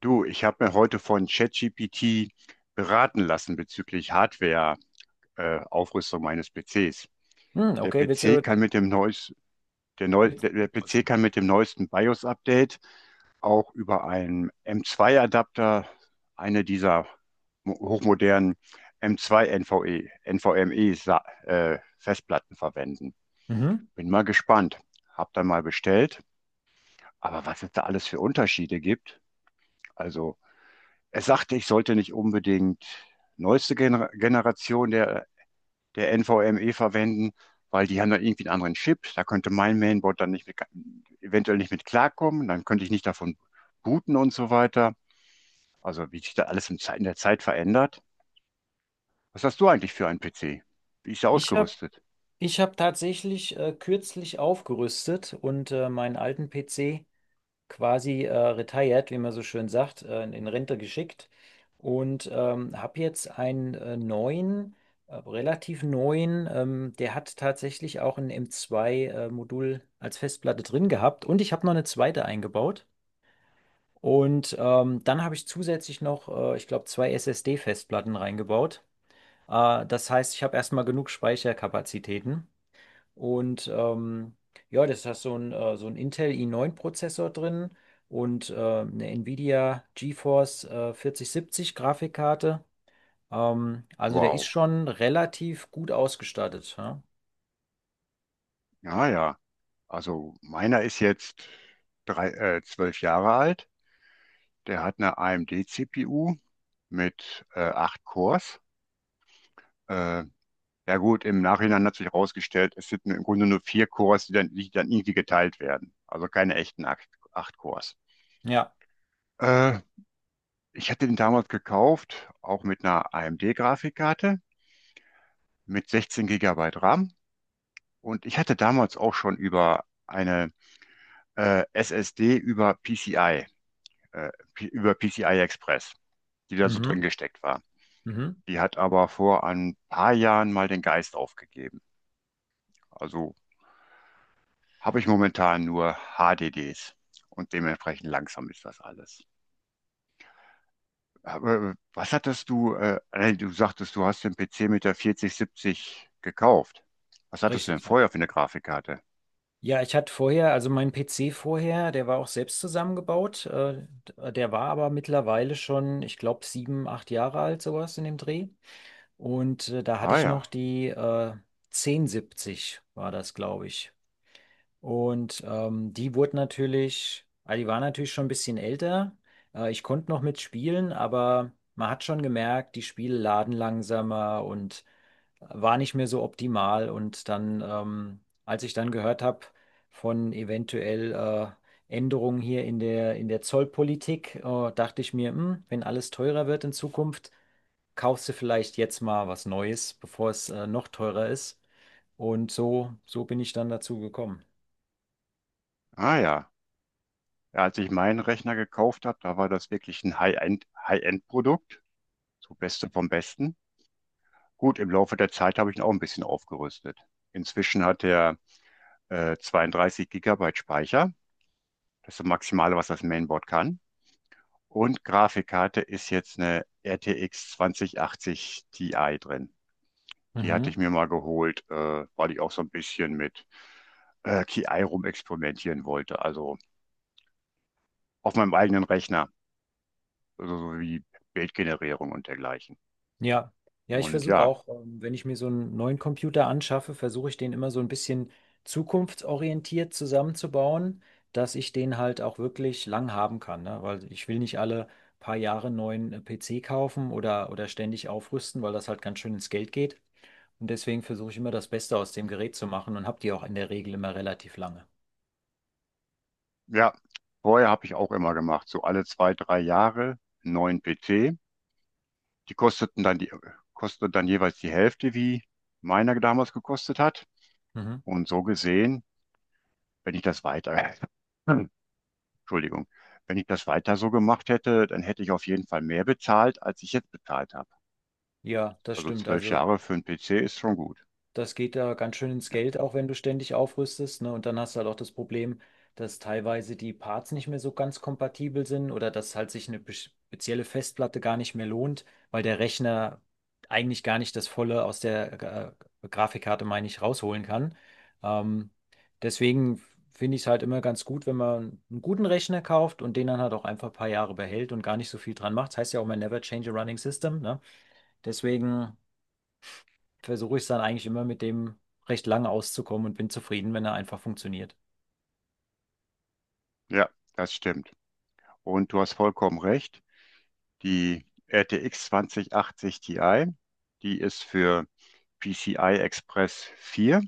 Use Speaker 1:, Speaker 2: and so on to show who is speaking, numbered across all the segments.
Speaker 1: Du, ich habe mir heute von ChatGPT beraten lassen bezüglich Hardware-Aufrüstung meines PCs.
Speaker 2: Hm,
Speaker 1: Der
Speaker 2: okay, willst
Speaker 1: PC
Speaker 2: du,
Speaker 1: kann mit dem neues, der, neu,
Speaker 2: willst
Speaker 1: der, der
Speaker 2: Was
Speaker 1: PC
Speaker 2: ist
Speaker 1: kann mit dem neuesten BIOS-Update auch über einen M2-Adapter eine hochmodernen NVMe Festplatten verwenden.
Speaker 2: Mhm.
Speaker 1: Bin mal gespannt. Hab dann mal bestellt. Aber was es da alles für Unterschiede gibt, also er sagte, ich sollte nicht unbedingt neueste Gener Generation der NVMe verwenden, weil die haben dann irgendwie einen anderen Chip. Da könnte mein Mainboard dann nicht mit, eventuell nicht mit klarkommen. Dann könnte ich nicht davon booten und so weiter. Also wie sich da alles in der Zeit verändert. Was hast du eigentlich für einen PC? Wie ist der
Speaker 2: Ich habe
Speaker 1: ausgerüstet?
Speaker 2: ich hab tatsächlich kürzlich aufgerüstet und meinen alten PC quasi retired, wie man so schön sagt, in Rente geschickt und habe jetzt einen neuen, relativ neuen, der hat tatsächlich auch ein M.2 Modul als Festplatte drin gehabt und ich habe noch eine zweite eingebaut. Und dann habe ich zusätzlich noch, ich glaube, zwei SSD-Festplatten reingebaut. Das heißt, ich habe erstmal genug Speicherkapazitäten. Und ja, das hat so ein Intel i9-Prozessor drin und eine Nvidia GeForce 4070 Grafikkarte. Also der ist
Speaker 1: Wow.
Speaker 2: schon relativ gut ausgestattet. Ja,
Speaker 1: Ja, ja. Also meiner ist jetzt zwölf Jahre alt. Der hat eine AMD-CPU mit acht Cores. Äh, Ja gut, im Nachhinein hat sich herausgestellt, es sind im Grunde nur vier Cores, die dann irgendwie geteilt werden. Also keine echten acht Cores.
Speaker 2: ja.
Speaker 1: Äh, Ich hatte den damals gekauft, auch mit einer AMD-Grafikkarte mit 16 Gigabyte RAM. Und ich hatte damals auch schon über eine SSD über PCI Express, die da so
Speaker 2: Mhm.
Speaker 1: drin gesteckt war.
Speaker 2: Mhm.
Speaker 1: Die hat aber vor ein paar Jahren mal den Geist aufgegeben. Also habe ich momentan nur HDDs und dementsprechend langsam ist das alles. Aber du sagtest, du hast den PC mit der 4070 gekauft. Was hattest du denn
Speaker 2: Richtig. Ja,
Speaker 1: vorher für eine Grafikkarte?
Speaker 2: Ja, ich hatte vorher, also mein PC vorher, der war auch selbst zusammengebaut. Der war aber mittlerweile schon, ich glaube, sieben, acht Jahre alt, sowas in dem Dreh. Und da hatte
Speaker 1: Ah
Speaker 2: ich noch
Speaker 1: ja.
Speaker 2: die 1070 war das, glaube ich. Und die wurde natürlich, ah, die war natürlich schon ein bisschen älter. Ich konnte noch mitspielen, aber man hat schon gemerkt, die Spiele laden langsamer und war nicht mehr so optimal. Und dann, als ich dann gehört habe von eventuell Änderungen hier in der Zollpolitik, dachte ich mir, wenn alles teurer wird in Zukunft, kaufst du vielleicht jetzt mal was Neues, bevor es noch teurer ist. Und so bin ich dann dazu gekommen.
Speaker 1: ah ja. Ja, als ich meinen Rechner gekauft habe, da war das wirklich ein High-End-Produkt, so Beste vom Besten. Gut, im Laufe der Zeit habe ich ihn auch ein bisschen aufgerüstet. Inzwischen hat er 32 Gigabyte Speicher. Das ist das Maximale, was das Mainboard kann. Und Grafikkarte ist jetzt eine RTX 2080 Ti drin. Die hatte
Speaker 2: Mhm.
Speaker 1: ich mir mal geholt, weil ich auch so ein bisschen mit KI rumexperimentieren wollte. Also auf meinem eigenen Rechner, also so wie Bildgenerierung und dergleichen.
Speaker 2: Ja, ja, ich
Speaker 1: Und
Speaker 2: versuche
Speaker 1: ja,
Speaker 2: auch, wenn ich mir so einen neuen Computer anschaffe, versuche ich den immer so ein bisschen zukunftsorientiert zusammenzubauen, dass ich den halt auch wirklich lang haben kann, ne? Weil ich will nicht alle paar Jahre einen neuen PC kaufen oder ständig aufrüsten, weil das halt ganz schön ins Geld geht. Und deswegen versuche ich immer das Beste aus dem Gerät zu machen und habe die auch in der Regel immer relativ lange.
Speaker 1: ja, vorher habe ich auch immer gemacht, so alle zwei, drei Jahre neuen PC. Die kosteten dann die, kosteten dann jeweils die Hälfte, wie meiner damals gekostet hat.
Speaker 2: Mhm.
Speaker 1: Und so gesehen, wenn ich das weiter Entschuldigung. Wenn ich das weiter so gemacht hätte, dann hätte ich auf jeden Fall mehr bezahlt, als ich jetzt bezahlt habe.
Speaker 2: Ja, das
Speaker 1: Also
Speaker 2: stimmt.
Speaker 1: zwölf
Speaker 2: Also,
Speaker 1: Jahre für einen PC ist schon gut.
Speaker 2: das geht da ganz schön ins
Speaker 1: Ja,
Speaker 2: Geld, auch wenn du ständig aufrüstest, ne? Und dann hast du halt auch das Problem, dass teilweise die Parts nicht mehr so ganz kompatibel sind oder dass halt sich eine spezielle Festplatte gar nicht mehr lohnt, weil der Rechner eigentlich gar nicht das Volle aus der Grafikkarte, meine ich, rausholen kann. Ähm, Deswegen finde ich es halt immer ganz gut, wenn man einen guten Rechner kauft und den dann halt auch einfach ein paar Jahre behält und gar nicht so viel dran macht. Das heißt ja auch mal Never Change a Running System, ne? Deswegen versuche ich es dann eigentlich immer mit dem recht lange auszukommen und bin zufrieden, wenn er einfach funktioniert.
Speaker 1: ja, das stimmt. Und du hast vollkommen recht. Die RTX 2080 Ti, die ist für PCI Express 4,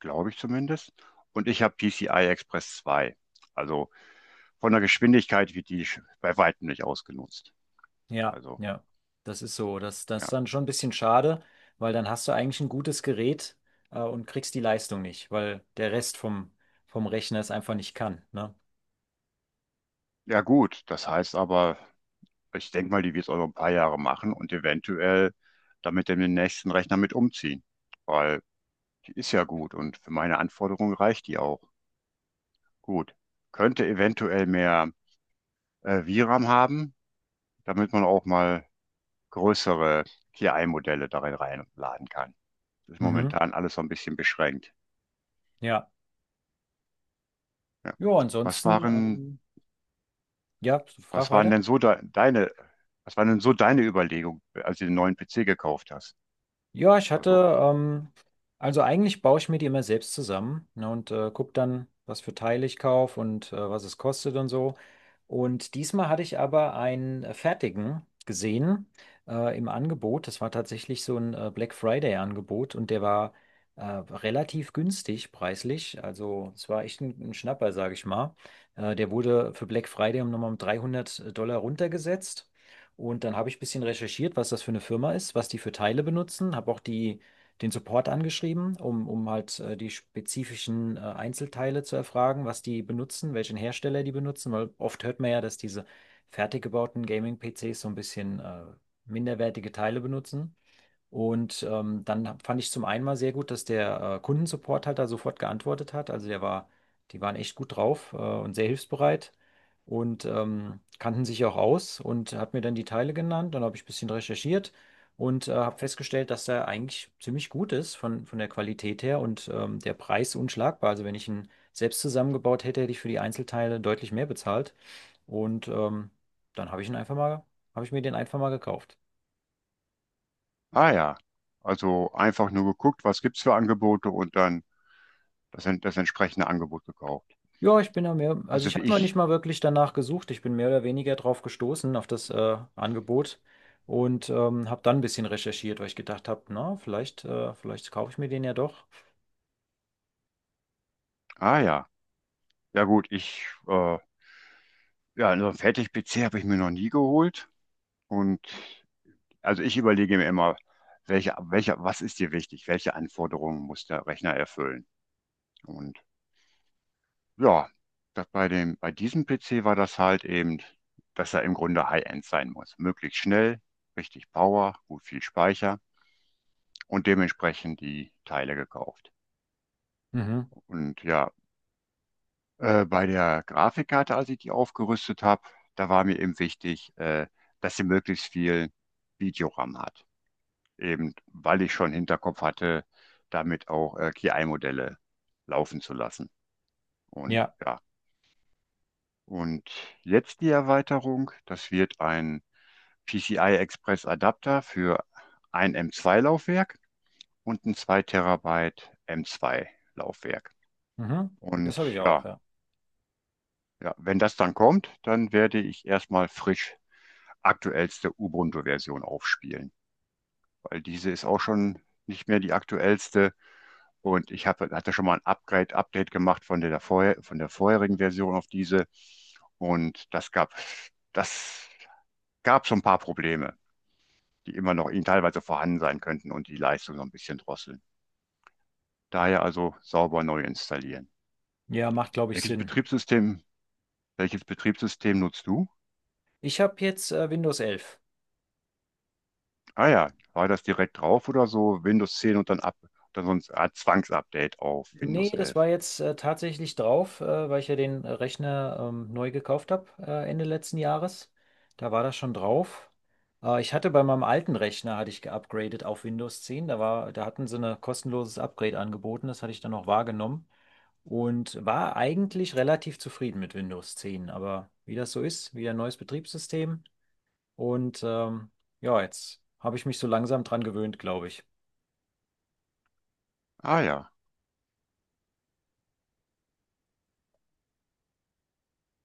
Speaker 1: glaube ich zumindest. Und ich habe PCI Express 2. Also von der Geschwindigkeit wird bei weitem nicht ausgenutzt.
Speaker 2: Ja,
Speaker 1: Also,
Speaker 2: ja, das ist so. Das
Speaker 1: ja.
Speaker 2: ist dann schon ein bisschen schade, weil dann hast du eigentlich ein gutes Gerät, und kriegst die Leistung nicht, weil der Rest vom Rechner es einfach nicht kann, ne?
Speaker 1: Ja gut, das heißt aber, ich denke mal, die wird es auch noch ein paar Jahre machen und eventuell damit in den nächsten Rechner mit umziehen, weil die ist ja gut und für meine Anforderungen reicht die auch. Gut. Könnte eventuell mehr VRAM haben, damit man auch mal größere KI-Modelle darin reinladen kann. Das ist
Speaker 2: Mhm,
Speaker 1: momentan alles so ein bisschen beschränkt.
Speaker 2: ja.
Speaker 1: Ja.
Speaker 2: Ja,
Speaker 1: Was
Speaker 2: ansonsten,
Speaker 1: waren,
Speaker 2: ja, frag
Speaker 1: was waren
Speaker 2: weiter.
Speaker 1: denn so de deine, Was waren denn so deine Überlegungen, als du den neuen PC gekauft hast?
Speaker 2: Ja, ich
Speaker 1: Also
Speaker 2: hatte, also eigentlich baue ich mir die immer selbst zusammen, ne, und gucke dann, was für Teile ich kaufe und was es kostet und so. Und diesmal hatte ich aber einen fertigen gesehen im Angebot. Das war tatsächlich so ein Black Friday-Angebot und der war relativ günstig preislich. Also es war echt ein Schnapper, sage ich mal. Der wurde für Black Friday um nochmal um 300 Dollar runtergesetzt. Und dann habe ich ein bisschen recherchiert, was das für eine Firma ist, was die für Teile benutzen, habe auch die, den Support angeschrieben, um halt die spezifischen Einzelteile zu erfragen, was die benutzen, welchen Hersteller die benutzen, weil oft hört man ja, dass diese fertig gebauten Gaming-PCs so ein bisschen minderwertige Teile benutzen. Und dann fand ich zum einen mal sehr gut, dass der Kundensupport halt da sofort geantwortet hat. Also der war, die waren echt gut drauf und sehr hilfsbereit und kannten sich auch aus und hat mir dann die Teile genannt. Dann habe ich ein bisschen recherchiert und habe festgestellt, dass der eigentlich ziemlich gut ist von der Qualität her und der Preis unschlagbar. Also wenn ich ihn selbst zusammengebaut hätte, hätte ich für die Einzelteile deutlich mehr bezahlt. Und dann habe ich ihn einfach mal, habe ich mir den einfach mal gekauft.
Speaker 1: ah ja, also einfach nur geguckt, was gibt's für Angebote und dann das entsprechende Angebot gekauft.
Speaker 2: Ja, ich bin ja mehr, also
Speaker 1: Also
Speaker 2: ich
Speaker 1: wie
Speaker 2: habe noch nicht
Speaker 1: ich,
Speaker 2: mal wirklich danach gesucht. Ich bin mehr oder weniger drauf gestoßen, auf das Angebot und habe dann ein bisschen recherchiert, weil ich gedacht habe, na, vielleicht kaufe ich mir den ja doch.
Speaker 1: ah ja, ja gut, ich, äh, ja, einen Fertig-PC habe ich mir noch nie geholt. Und also ich überlege mir immer, was ist dir wichtig? Welche Anforderungen muss der Rechner erfüllen? Und ja, bei diesem PC war das halt eben, dass er im Grunde High-End sein muss. Möglichst schnell, richtig Power, gut viel Speicher, und dementsprechend die Teile gekauft.
Speaker 2: Mhm.
Speaker 1: Und ja, bei der Grafikkarte, als ich die aufgerüstet habe, da war mir eben wichtig, dass sie möglichst viel Videoram hat. Eben weil ich schon Hinterkopf hatte, damit auch KI-Modelle laufen zu lassen. Und
Speaker 2: Ja,
Speaker 1: ja, und jetzt die Erweiterung, das wird ein PCI Express Adapter für ein M2-Laufwerk und ein 2 Terabyte M2-Laufwerk.
Speaker 2: mhm. Das
Speaker 1: Und
Speaker 2: habe ich auch,
Speaker 1: ja,
Speaker 2: ja.
Speaker 1: ja, wenn das dann kommt, dann werde ich erstmal frisch aktuellste Ubuntu-Version aufspielen, weil diese ist auch schon nicht mehr die aktuellste. Und hatte schon mal ein Update gemacht von der vorherigen Version auf diese. Und das gab so ein paar Probleme, die immer noch in teilweise vorhanden sein könnten und die Leistung so ein bisschen drosseln. Daher also sauber neu installieren.
Speaker 2: Ja, macht, glaube ich,
Speaker 1: Welches
Speaker 2: Sinn.
Speaker 1: Betriebssystem, Welches Betriebssystem nutzt du?
Speaker 2: Ich habe jetzt Windows 11.
Speaker 1: Ah ja, war das direkt drauf oder so? Windows 10 und dann sonst ah, Zwangsupdate auf
Speaker 2: Nee,
Speaker 1: Windows
Speaker 2: das
Speaker 1: 11.
Speaker 2: war jetzt tatsächlich drauf, weil ich ja den Rechner neu gekauft habe Ende letzten Jahres. Da war das schon drauf. Ich hatte bei meinem alten Rechner, hatte ich geupgradet auf Windows 10. Da hatten sie ein kostenloses Upgrade angeboten. Das hatte ich dann noch wahrgenommen und war eigentlich relativ zufrieden mit Windows 10. Aber wie das so ist, wieder ein neues Betriebssystem. Und ja, jetzt habe ich mich so langsam dran gewöhnt, glaube ich.
Speaker 1: Ah ja.